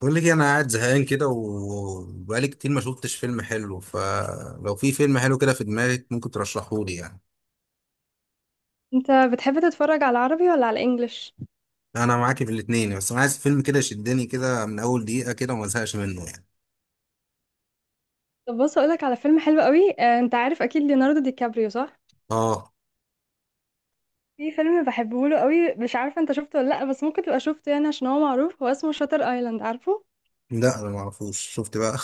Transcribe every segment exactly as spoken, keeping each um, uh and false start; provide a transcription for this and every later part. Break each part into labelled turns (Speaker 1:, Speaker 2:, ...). Speaker 1: بقول لك إيه، انا قاعد زهقان كده وبقالي كتير ما شفتش فيلم حلو. فلو في فيلم حلو كده في دماغك ممكن ترشحه لي يعني.
Speaker 2: انت بتحب تتفرج على العربي ولا على الانجليش؟
Speaker 1: انا معاكي في الاتنين، بس انا عايز فيلم كده يشدني كده من اول دقيقة كده وما ازهقش منه يعني.
Speaker 2: طب بص اقولك على فيلم حلو قوي. آه، انت عارف اكيد ليوناردو دي كابريو، صح؟
Speaker 1: اه،
Speaker 2: في فيلم بحبه له قوي، مش عارفه انت شفته ولا لا، بس ممكن تبقى شفته يعني عشان هو معروف. هو اسمه شاتر ايلاند، عارفه؟
Speaker 1: لا انا ما اعرفوش. شفت بقى. أنت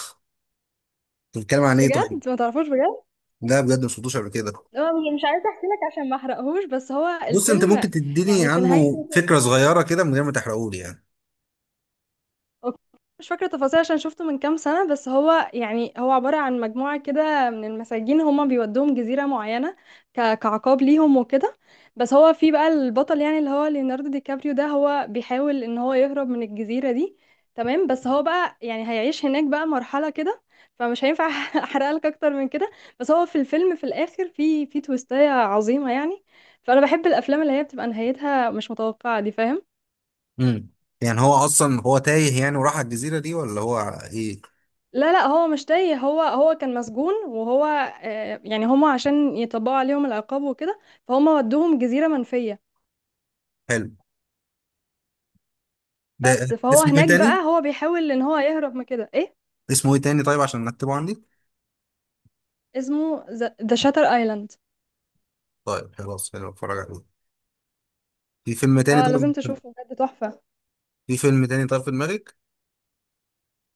Speaker 1: بتتكلم عن ايه طيب؟
Speaker 2: بجد ما تعرفوش؟ بجد؟
Speaker 1: لا بجد ما شفتوش قبل كده.
Speaker 2: هو مش مش عايزه احكي لك عشان ما احرقهوش، بس هو
Speaker 1: بص، انت
Speaker 2: الفيلم
Speaker 1: ممكن تديني
Speaker 2: يعني في
Speaker 1: عنه
Speaker 2: نهايته.
Speaker 1: فكرة صغيرة كده من غير ما تحرقه لي يعني.
Speaker 2: اوكي، مش فاكرة تفاصيل عشان شفته من كام سنة، بس هو يعني هو عبارة عن مجموعة كده من المساجين، هما بيودوهم جزيرة معينة، ك- كعقاب ليهم وكده. بس هو في بقى البطل يعني اللي هو ليوناردو دي كابريو ده، هو بيحاول ان هو يهرب من الجزيرة دي. تمام، بس هو بقى يعني هيعيش هناك بقى مرحلة كده. فمش هينفع احرق لك اكتر من كده. بس هو في الفيلم في الاخر في في تويستاية عظيمة يعني. فانا بحب الافلام اللي هي بتبقى نهايتها مش متوقعة دي، فاهم؟
Speaker 1: امم. يعني هو اصلا هو تايه يعني، وراح على الجزيرة دي ولا هو ايه؟
Speaker 2: لا لا، هو مش تايه. هو هو كان مسجون، وهو آه، يعني هما عشان يطبقوا عليهم العقاب وكده، فهم ودوهم جزيرة منفية.
Speaker 1: حلو
Speaker 2: بس
Speaker 1: ده.
Speaker 2: فهو
Speaker 1: اسمه ايه
Speaker 2: هناك
Speaker 1: تاني؟
Speaker 2: بقى هو بيحاول ان هو يهرب من كده، ايه.
Speaker 1: اسمه ايه تاني طيب؟ عشان نكتبه عندي.
Speaker 2: اسمه ذا شاتر ايلاند.
Speaker 1: طيب خلاص حلو، اتفرج عليه. في فيلم تاني
Speaker 2: اه،
Speaker 1: طيب؟
Speaker 2: لازم تشوفه بجد، تحفة.
Speaker 1: في فيلم تاني طيب في دماغك؟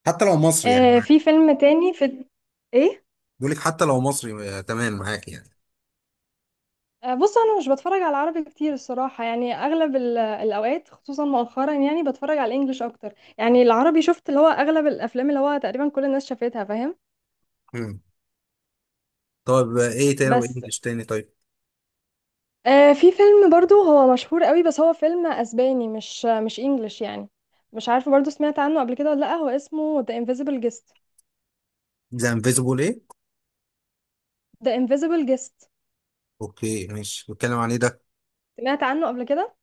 Speaker 1: حتى لو مصري يعني
Speaker 2: آه
Speaker 1: معاك.
Speaker 2: في فيلم تاني، في. ايه؟
Speaker 1: بقول لك حتى لو مصري، آه، تمام معاك يعني.
Speaker 2: آه بص انا مش بتفرج على عربي كتير الصراحة يعني، اغلب ال- الاوقات خصوصا مؤخرا يعني بتفرج على الانجليش اكتر. يعني العربي شفت اللي هو اغلب الافلام اللي هو تقريبا كل الناس شافتها، فاهم؟
Speaker 1: مم. طيب، آه، ايه تاني
Speaker 2: بس
Speaker 1: وانجلش تاني طيب؟
Speaker 2: آه في فيلم برضو هو مشهور قوي، بس هو فيلم اسباني مش مش انجلش يعني. مش عارفه برضو سمعت عنه قبل كده ولا لا، هو اسمه The Invisible Guest.
Speaker 1: ذا انفيزبل ايه؟
Speaker 2: The Invisible Guest.
Speaker 1: اوكي ماشي. بيتكلم عن ايه ده؟
Speaker 2: سمعت عنه قبل كده؟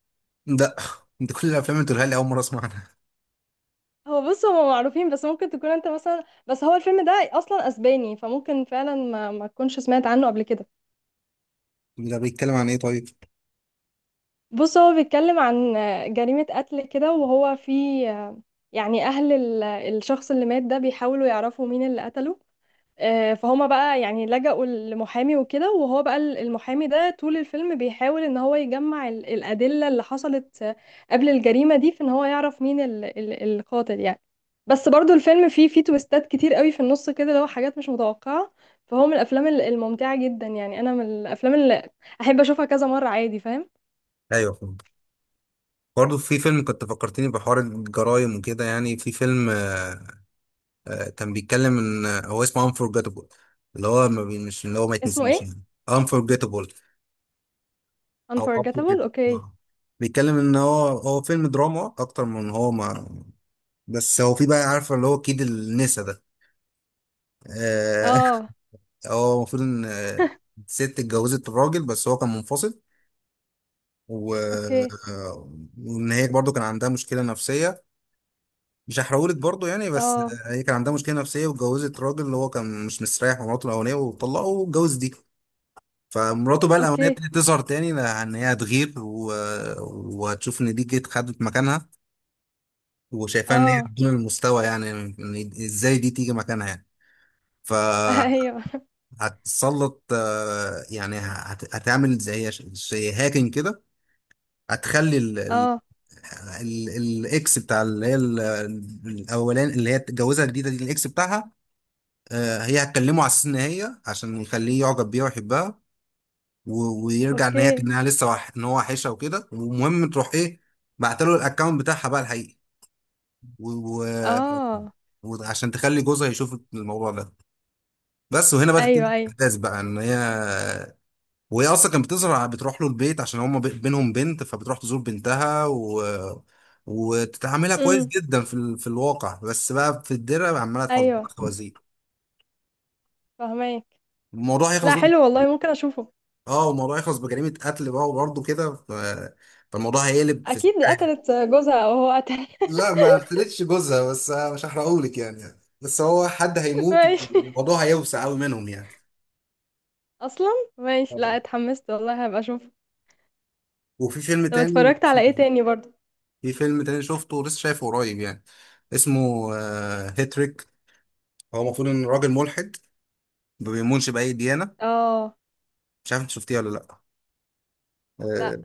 Speaker 1: ده انت كل الافلام اللي تقولها لي اول مره اسمع عنها.
Speaker 2: هو بص هما معروفين، بس ممكن تكون انت مثلا، بس هو الفيلم ده اصلا اسباني فممكن فعلا ما ما تكونش سمعت عنه قبل كده.
Speaker 1: ده بيتكلم عن ايه طيب؟
Speaker 2: بص هو بيتكلم عن جريمة قتل كده، وهو في يعني أهل ال- الشخص اللي مات ده بيحاولوا يعرفوا مين اللي قتله. آه، فهما بقى يعني لجأوا لمحامي وكده، وهو بقى ال- المحامي ده طول الفيلم بيحاول إن هو يجمع ال- الأدلة اللي حصلت آه، قبل الجريمة دي، في إن هو يعرف مين ال- ال- القاتل يعني. بس برضو الفيلم فيه فيه تويستات كتير قوي في النص كده، اللي هو حاجات مش متوقعة. فهو من الأفلام ال- الممتعة جدا يعني، أنا من الأفلام اللي أحب أشوفها كذا مرة عادي، فاهم؟
Speaker 1: ايوه فهمت. برضه في فيلم كنت فكرتني بحوار الجرايم وكده يعني. في فيلم آه آه كان بيتكلم ان آه، هو اسمه انفورجيتابل. اللي هو ما بي- مش اللي هو ما
Speaker 2: اسمه
Speaker 1: يتنسيش
Speaker 2: إيه؟
Speaker 1: يعني. انفورجيتابل. او قبول
Speaker 2: Unforgettable.
Speaker 1: جدا.
Speaker 2: اوكي.
Speaker 1: آه. بيتكلم ان هو هو فيلم دراما اكتر من هو ما. بس هو في بقى، عارفه اللي هو كيد النسا ده؟ آه.
Speaker 2: اه،
Speaker 1: هو المفروض ان آه، الست اتجوزت الراجل، بس هو كان منفصل و.
Speaker 2: اوكي.
Speaker 1: آه، وان هي برضه كان عندها مشكله نفسيه. مش هحرقهولك برضه يعني، بس
Speaker 2: اه،
Speaker 1: آه، هي كان عندها مشكله نفسيه واتجوزت راجل اللي هو كان مش مستريح مع مراته الاولانيه، وطلقه واتجوز دي. فمراته بقى الاولانيه
Speaker 2: اوكي.
Speaker 1: ابتدت تظهر تاني، لان هي هتغير و. وهتشوف ان دي جت خدت مكانها، وشايفاها ان هي
Speaker 2: اه.
Speaker 1: بدون المستوى يعني، إن ازاي دي تيجي مكانها يعني؟
Speaker 2: ايوه.
Speaker 1: فهتسلط، آه، يعني هت- هتعمل زي زي هاكينج كده. هتخلي ال- ال-
Speaker 2: اه،
Speaker 1: ال- الاكس بتاع اللي هي ال- الاولاني اللي هي اتجوزها الجديده دي الاكس بتاعها. آه، هي هتكلمه على اساس ان هي عشان يخليه يعجب بيها ويحبها، و- ويرجع ان هي
Speaker 2: اوكي.
Speaker 1: انها لسه وح... ان هو وحشها وكده ومهم تروح ايه. بعتله الاكونت بتاعها بقى الحقيقي، و...
Speaker 2: اه.
Speaker 1: و... وعشان تخلي جوزها يشوف الموضوع ده. بس وهنا بقى
Speaker 2: ايوه،
Speaker 1: تبتدي
Speaker 2: ايوه.
Speaker 1: الاحداث بقى ان هي. وهي اصلا كانت بتظهر بتروح له البيت عشان هما بي- بينهم بنت فبتروح تزور بنتها و. وتتعاملها كويس
Speaker 2: امم.
Speaker 1: جدا في ال... في الواقع، بس بقى في الدره عماله تحط
Speaker 2: ايوه،
Speaker 1: خوازير.
Speaker 2: فهماك.
Speaker 1: الموضوع هيخلص
Speaker 2: لا
Speaker 1: بقى.
Speaker 2: حلو والله، ممكن اشوفه.
Speaker 1: اه، الموضوع هيخلص بجريمه قتل بقى وبرضه كده، ف. فالموضوع هيقلب في
Speaker 2: اكيد
Speaker 1: سكه.
Speaker 2: قتلت جوزها او هو قتل.
Speaker 1: لا، ما قتلتش جوزها، بس مش هحرقهولك يعني، بس هو حد هيموت.
Speaker 2: ماشي.
Speaker 1: والموضوع هيوسع قوي منهم يعني.
Speaker 2: اصلا ماشي. لا، اتحمست والله، هبقى اشوفه.
Speaker 1: وفي فيلم
Speaker 2: طب
Speaker 1: تاني.
Speaker 2: اتفرجت على ايه تاني برضو؟
Speaker 1: في فيلم تاني شفته ولسه شايفه قريب يعني. اسمه آه، هيتريك. هو المفروض ان راجل ملحد، ما بيؤمنش باي ديانه.
Speaker 2: اه.
Speaker 1: مش عارف انت شفتيه ولا لا.
Speaker 2: لا،
Speaker 1: آه،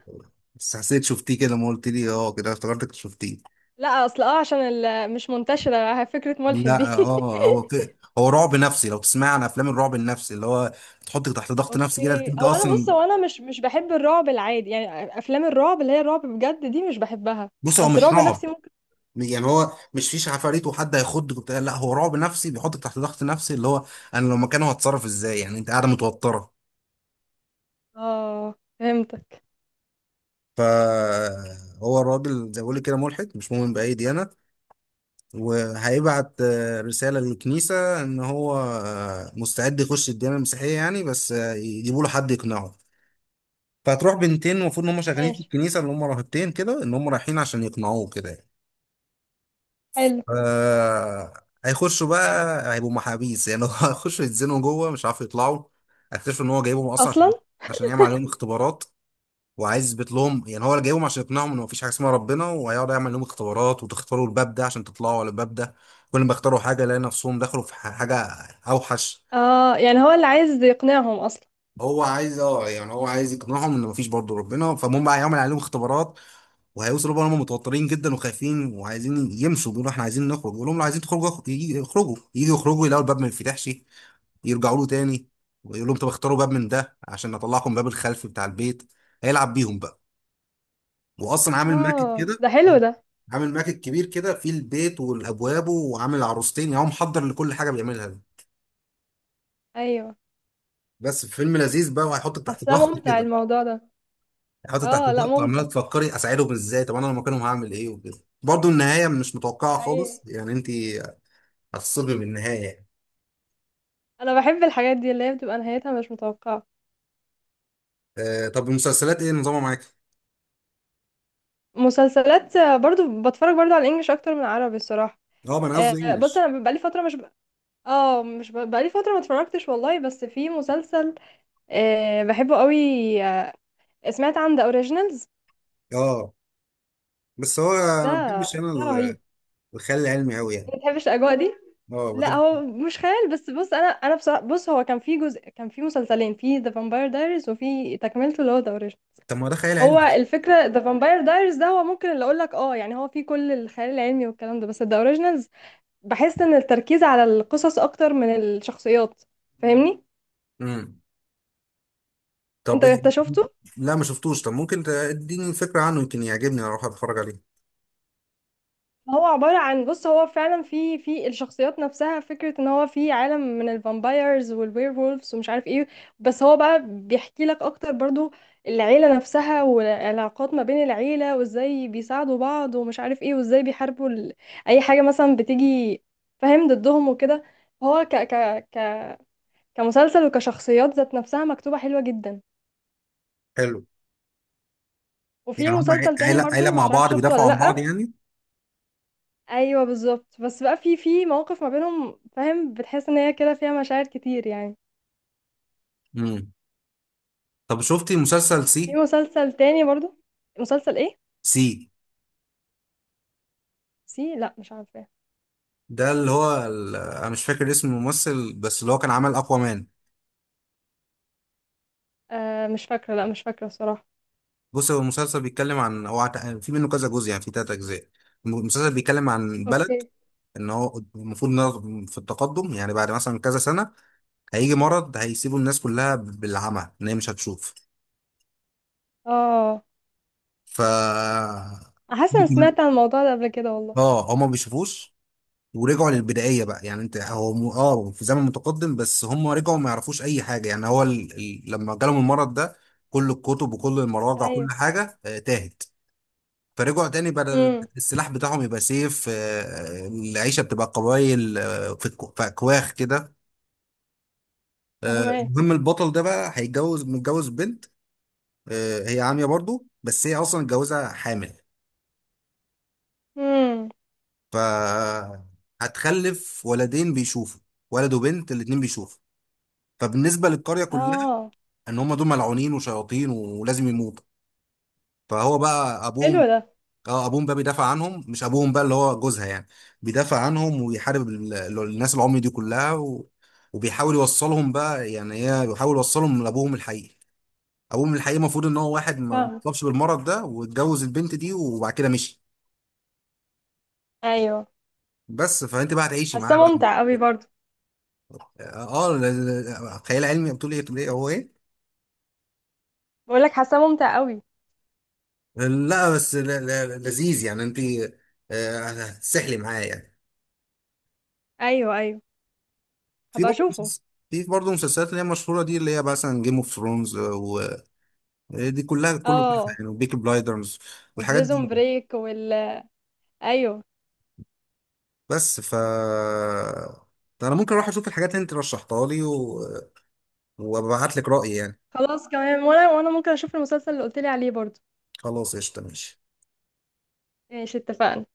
Speaker 1: بس حسيت شفتيه كده ما قلت لي اه كده افتكرتك شفتيه.
Speaker 2: لا. اصل اه عشان ال- مش منتشره فكره ملحد دي.
Speaker 1: لا اه هو ك- هو رعب نفسي، لو تسمع عن افلام الرعب النفسي اللي هو تحطك تحت ضغط نفسي كده
Speaker 2: اوكي.
Speaker 1: انت
Speaker 2: هو انا بص،
Speaker 1: اصلا.
Speaker 2: هو انا مش مش بحب الرعب العادي يعني، افلام الرعب اللي هي الرعب بجد دي مش بحبها.
Speaker 1: بص هو
Speaker 2: بس
Speaker 1: مش
Speaker 2: الرعب
Speaker 1: رعب.
Speaker 2: نفسي ممكن.
Speaker 1: يعني هو مش فيش عفاريت وحد هيخضك وبتاع، لا هو رعب نفسي بيحطك تحت ضغط نفسي اللي هو انا لو مكانه هتصرف ازاي يعني، انت قاعده متوتره.
Speaker 2: اه، فهمتك.
Speaker 1: فهو الراجل زي ما بقول لك كده، ملحد مش مؤمن بأي ديانة. وهيبعت آه، رسالة للكنيسة إن هو آه، مستعد يخش الديانة المسيحية يعني، بس آه، يجيبوا له حد يقنعه. فهتروح بنتين، المفروض إن هم شغالين في
Speaker 2: ماشي،
Speaker 1: الكنيسة اللي هم راهبتين كده، إن هم رايحين عشان يقنعوه كده يعني.
Speaker 2: حلو.
Speaker 1: آه، هيخشوا بقى هيبقوا محابيس يعني. هو هيخشوا يتزنوا جوه مش عارف يطلعوا. هيكتشفوا إن هو جايبهم أصلا
Speaker 2: اصلا
Speaker 1: عشان عشان يعمل عليهم اختبارات، وعايز يثبت لهم يعني هو اللي جايبهم عشان يقنعهم ان مفيش حاجه اسمها ربنا. وهيقعد يعمل لهم اختبارات، وتختاروا الباب ده عشان تطلعوا على الباب ده. كل ما اختاروا حاجه لقى نفسهم دخلوا في ح- حاجه اوحش.
Speaker 2: اه يعني هو اللي عايز يقنعهم اصلا.
Speaker 1: هو عايز اه، يعني هو عايز يقنعهم ان مفيش برضه ربنا. فالمهم بقى هيعمل عليهم اختبارات، وهيوصلوا بقى هم متوترين جدا وخايفين وعايزين يمشوا، بيقولوا احنا عايزين نخرج. يقول لهم لو عايزين تخرجوا اخ- يجي- يخرجوا يجوا يخرجوا يلاقوا الباب ما ينفتحش. يرجعوا له تاني ويقول لهم طب اختاروا باب من ده عشان اطلعكم باب الخلف بتاع البيت. هيلعب بيهم بقى. واصلا عامل ماكت
Speaker 2: اه،
Speaker 1: كده،
Speaker 2: ده حلو ده.
Speaker 1: عامل ماكت كبير كده فيه البيت والابواب وعامل عروستين. يعني هو محضر لكل حاجه بيعملها دي.
Speaker 2: ايوه،
Speaker 1: بس فيلم لذيذ بقى وهيحطك تحت
Speaker 2: حاساه
Speaker 1: ضغط
Speaker 2: ممتع
Speaker 1: كده.
Speaker 2: الموضوع ده.
Speaker 1: هيحطك تحت
Speaker 2: اه، لا،
Speaker 1: ضغط وعماله
Speaker 2: ممتع.
Speaker 1: تفكري اساعدهم ازاي، طب انا لو مكانهم هعمل ايه وكده، برضه النهايه مش متوقعه
Speaker 2: ايوه،
Speaker 1: خالص يعني انت هتصدمي بالنهايه يعني.
Speaker 2: انا بحب الحاجات دي اللي هي بتبقى نهايتها مش متوقعه.
Speaker 1: آه طب المسلسلات ايه نظامها معاك؟
Speaker 2: مسلسلات، آه، برضو بتفرج برضو على الانجليش اكتر من العربي الصراحه.
Speaker 1: اه ما انا قصدي
Speaker 2: آه، بص
Speaker 1: انجلش.
Speaker 2: انا بقالي فتره مش، اه، مش ب... بقالي فترة ما اتفرجتش والله، بس في مسلسل آه بحبه قوي. آه، سمعت عن ذا اوريجينالز؟
Speaker 1: اه بس هو انا
Speaker 2: ده
Speaker 1: ما بحبش انا
Speaker 2: ده
Speaker 1: ال-
Speaker 2: رهيب.
Speaker 1: الخيال العلمي قوي
Speaker 2: ما
Speaker 1: يعني.
Speaker 2: بتحبش الاجواء دي.
Speaker 1: اه
Speaker 2: لا
Speaker 1: بحب.
Speaker 2: هو مش خيال، بس بص، انا انا بصراحة بص هو كان في جزء، كان في مسلسلين، في ذا فامباير دايريز، وفي تكملته اللي هو ذا اوريجينال.
Speaker 1: طب ما ده خيال
Speaker 2: هو
Speaker 1: علمي.
Speaker 2: الفكرة ذا فامباير دايريز ده هو ممكن اللي اقول لك اه يعني هو فيه كل الخيال العلمي والكلام ده، بس ذا اوريجينالز بحس ان التركيز على القصص اكتر من الشخصيات، فاهمني؟
Speaker 1: امم.
Speaker 2: انت
Speaker 1: طب إيه؟
Speaker 2: انت شفته؟
Speaker 1: لا ما شفتوش، طب ممكن تديني فكره عنه يمكن يعجبني اروح اتفرج عليه.
Speaker 2: هو عبارة عن بص هو فعلا في في الشخصيات نفسها فكرة ان هو في عالم من الفامبايرز والوير وولفز ومش عارف ايه. بس هو بقى بيحكي لك اكتر برضو العيلة نفسها والعلاقات ما بين العيلة، وازاي بيساعدوا بعض ومش عارف ايه، وازاي بيحاربوا ال... اي حاجة مثلا بتيجي فاهم ضدهم وكده. هو ك... ك... ك... كمسلسل وكشخصيات ذات نفسها مكتوبة حلوة جدا.
Speaker 1: حلو. يعني
Speaker 2: وفي
Speaker 1: هم عي-
Speaker 2: مسلسل تاني
Speaker 1: عيلة عيلة
Speaker 2: برضو
Speaker 1: مع
Speaker 2: مش عارف
Speaker 1: بعض
Speaker 2: شفته ولا
Speaker 1: بيدافعوا عن بعض
Speaker 2: لأ.
Speaker 1: يعني.
Speaker 2: ايوه، بالظبط، بس بقى في في مواقف ما بينهم، فاهم؟ بتحس ان هي كده فيها مشاعر كتير يعني.
Speaker 1: امم. طب شفتي مسلسل
Speaker 2: في
Speaker 1: سي؟
Speaker 2: مسلسل تاني برضو. مسلسل ايه؟
Speaker 1: سي،
Speaker 2: سي. لا، مش عارفه.
Speaker 1: ده اللي هو ال- انا مش فاكر اسم الممثل، بس اللي هو كان عمل اقوى مان.
Speaker 2: آه مش فاكره، لا مش فاكره الصراحه.
Speaker 1: بص هو المسلسل بيتكلم عن هو عت- في منه كذا جزء يعني، في تلات اجزاء. المسلسل بيتكلم عن بلد
Speaker 2: اوكي.
Speaker 1: ان هو المفروض إنها في التقدم، يعني بعد مثلا كذا سنة هيجي مرض هيسيبوا الناس كلها بالعمى، ان هي مش هتشوف.
Speaker 2: اه،
Speaker 1: ف
Speaker 2: حاسه انا سمعت عن الموضوع ده قبل كده والله.
Speaker 1: اه هما ما بيشوفوش. ورجعوا للبدائيه بقى، يعني انت هو م- اه في زمن متقدم، بس هم رجعوا ما يعرفوش اي حاجه يعني هو ال... ال... لما جالهم المرض ده كل الكتب وكل المراجع
Speaker 2: ايوه.
Speaker 1: كل حاجه آه، تاهت. فرجعوا تاني، بدل
Speaker 2: امم.
Speaker 1: السلاح بتاعهم يبقى سيف، آه، العيشه بتبقى قبايل، آه، في الك- في اكواخ كده. آه،
Speaker 2: فاهمه.
Speaker 1: المهم البطل ده بقى هيتجوز، متجوز بنت. آه، هي عاميه برضو، بس هي اصلا متجوزه حامل.
Speaker 2: امم.
Speaker 1: ف هتخلف ولدين بيشوفوا، ولد وبنت الاتنين بيشوفوا. فبالنسبة للقرية كلها،
Speaker 2: اه،
Speaker 1: ان هم دول ملعونين وشياطين ولازم يموتوا. فهو بقى
Speaker 2: حلو
Speaker 1: ابوهم.
Speaker 2: ده.
Speaker 1: اه ابوهم بقى بيدافع عنهم، مش ابوهم بقى اللي هو جوزها يعني. بيدافع عنهم ويحارب ال- ال- الناس العمي دي كلها و. وبيحاول يوصلهم بقى، يعني هي بيحاول يوصلهم لابوهم الحقيقي. ابوهم الحقيقي المفروض ان هو واحد ما ما
Speaker 2: فاهم.
Speaker 1: اتصابش بالمرض ده، واتجوز البنت دي وبعد كده مشي.
Speaker 2: ايوه،
Speaker 1: بس فانت بقى هتعيشي
Speaker 2: حاسه
Speaker 1: معاه بقى.
Speaker 2: ممتع قوي برضو.
Speaker 1: اه ل- ل- خيال علمي بتقول ايه، بتقول ايه هو ايه؟
Speaker 2: بقول لك حاسه ممتع قوي.
Speaker 1: لا بس ل- ل- لذيذ يعني انت. آه، هتسحلي معاه يعني.
Speaker 2: ايوه، ايوه.
Speaker 1: في
Speaker 2: هبقى
Speaker 1: برضه
Speaker 2: اشوفه.
Speaker 1: مسلس- في برضه مسلسلات اللي هي مشهورة دي، اللي هي مثلا جيم اوف ثرونز ودي كلها كله تحفة
Speaker 2: اه،
Speaker 1: يعني، وبيكي بلايدرز والحاجات
Speaker 2: وبريزون
Speaker 1: دي.
Speaker 2: بريك وال ايوه.
Speaker 1: بس ف ده انا ممكن اروح اشوف الحاجات اللي انت رشحتها لي، و... وابعت لك رأيي يعني.
Speaker 2: خلاص، كمان وانا وانا ممكن اشوف المسلسل اللي قلت لي عليه برضو.
Speaker 1: خلاص قشطة ماشي.
Speaker 2: ماشي، اتفقنا.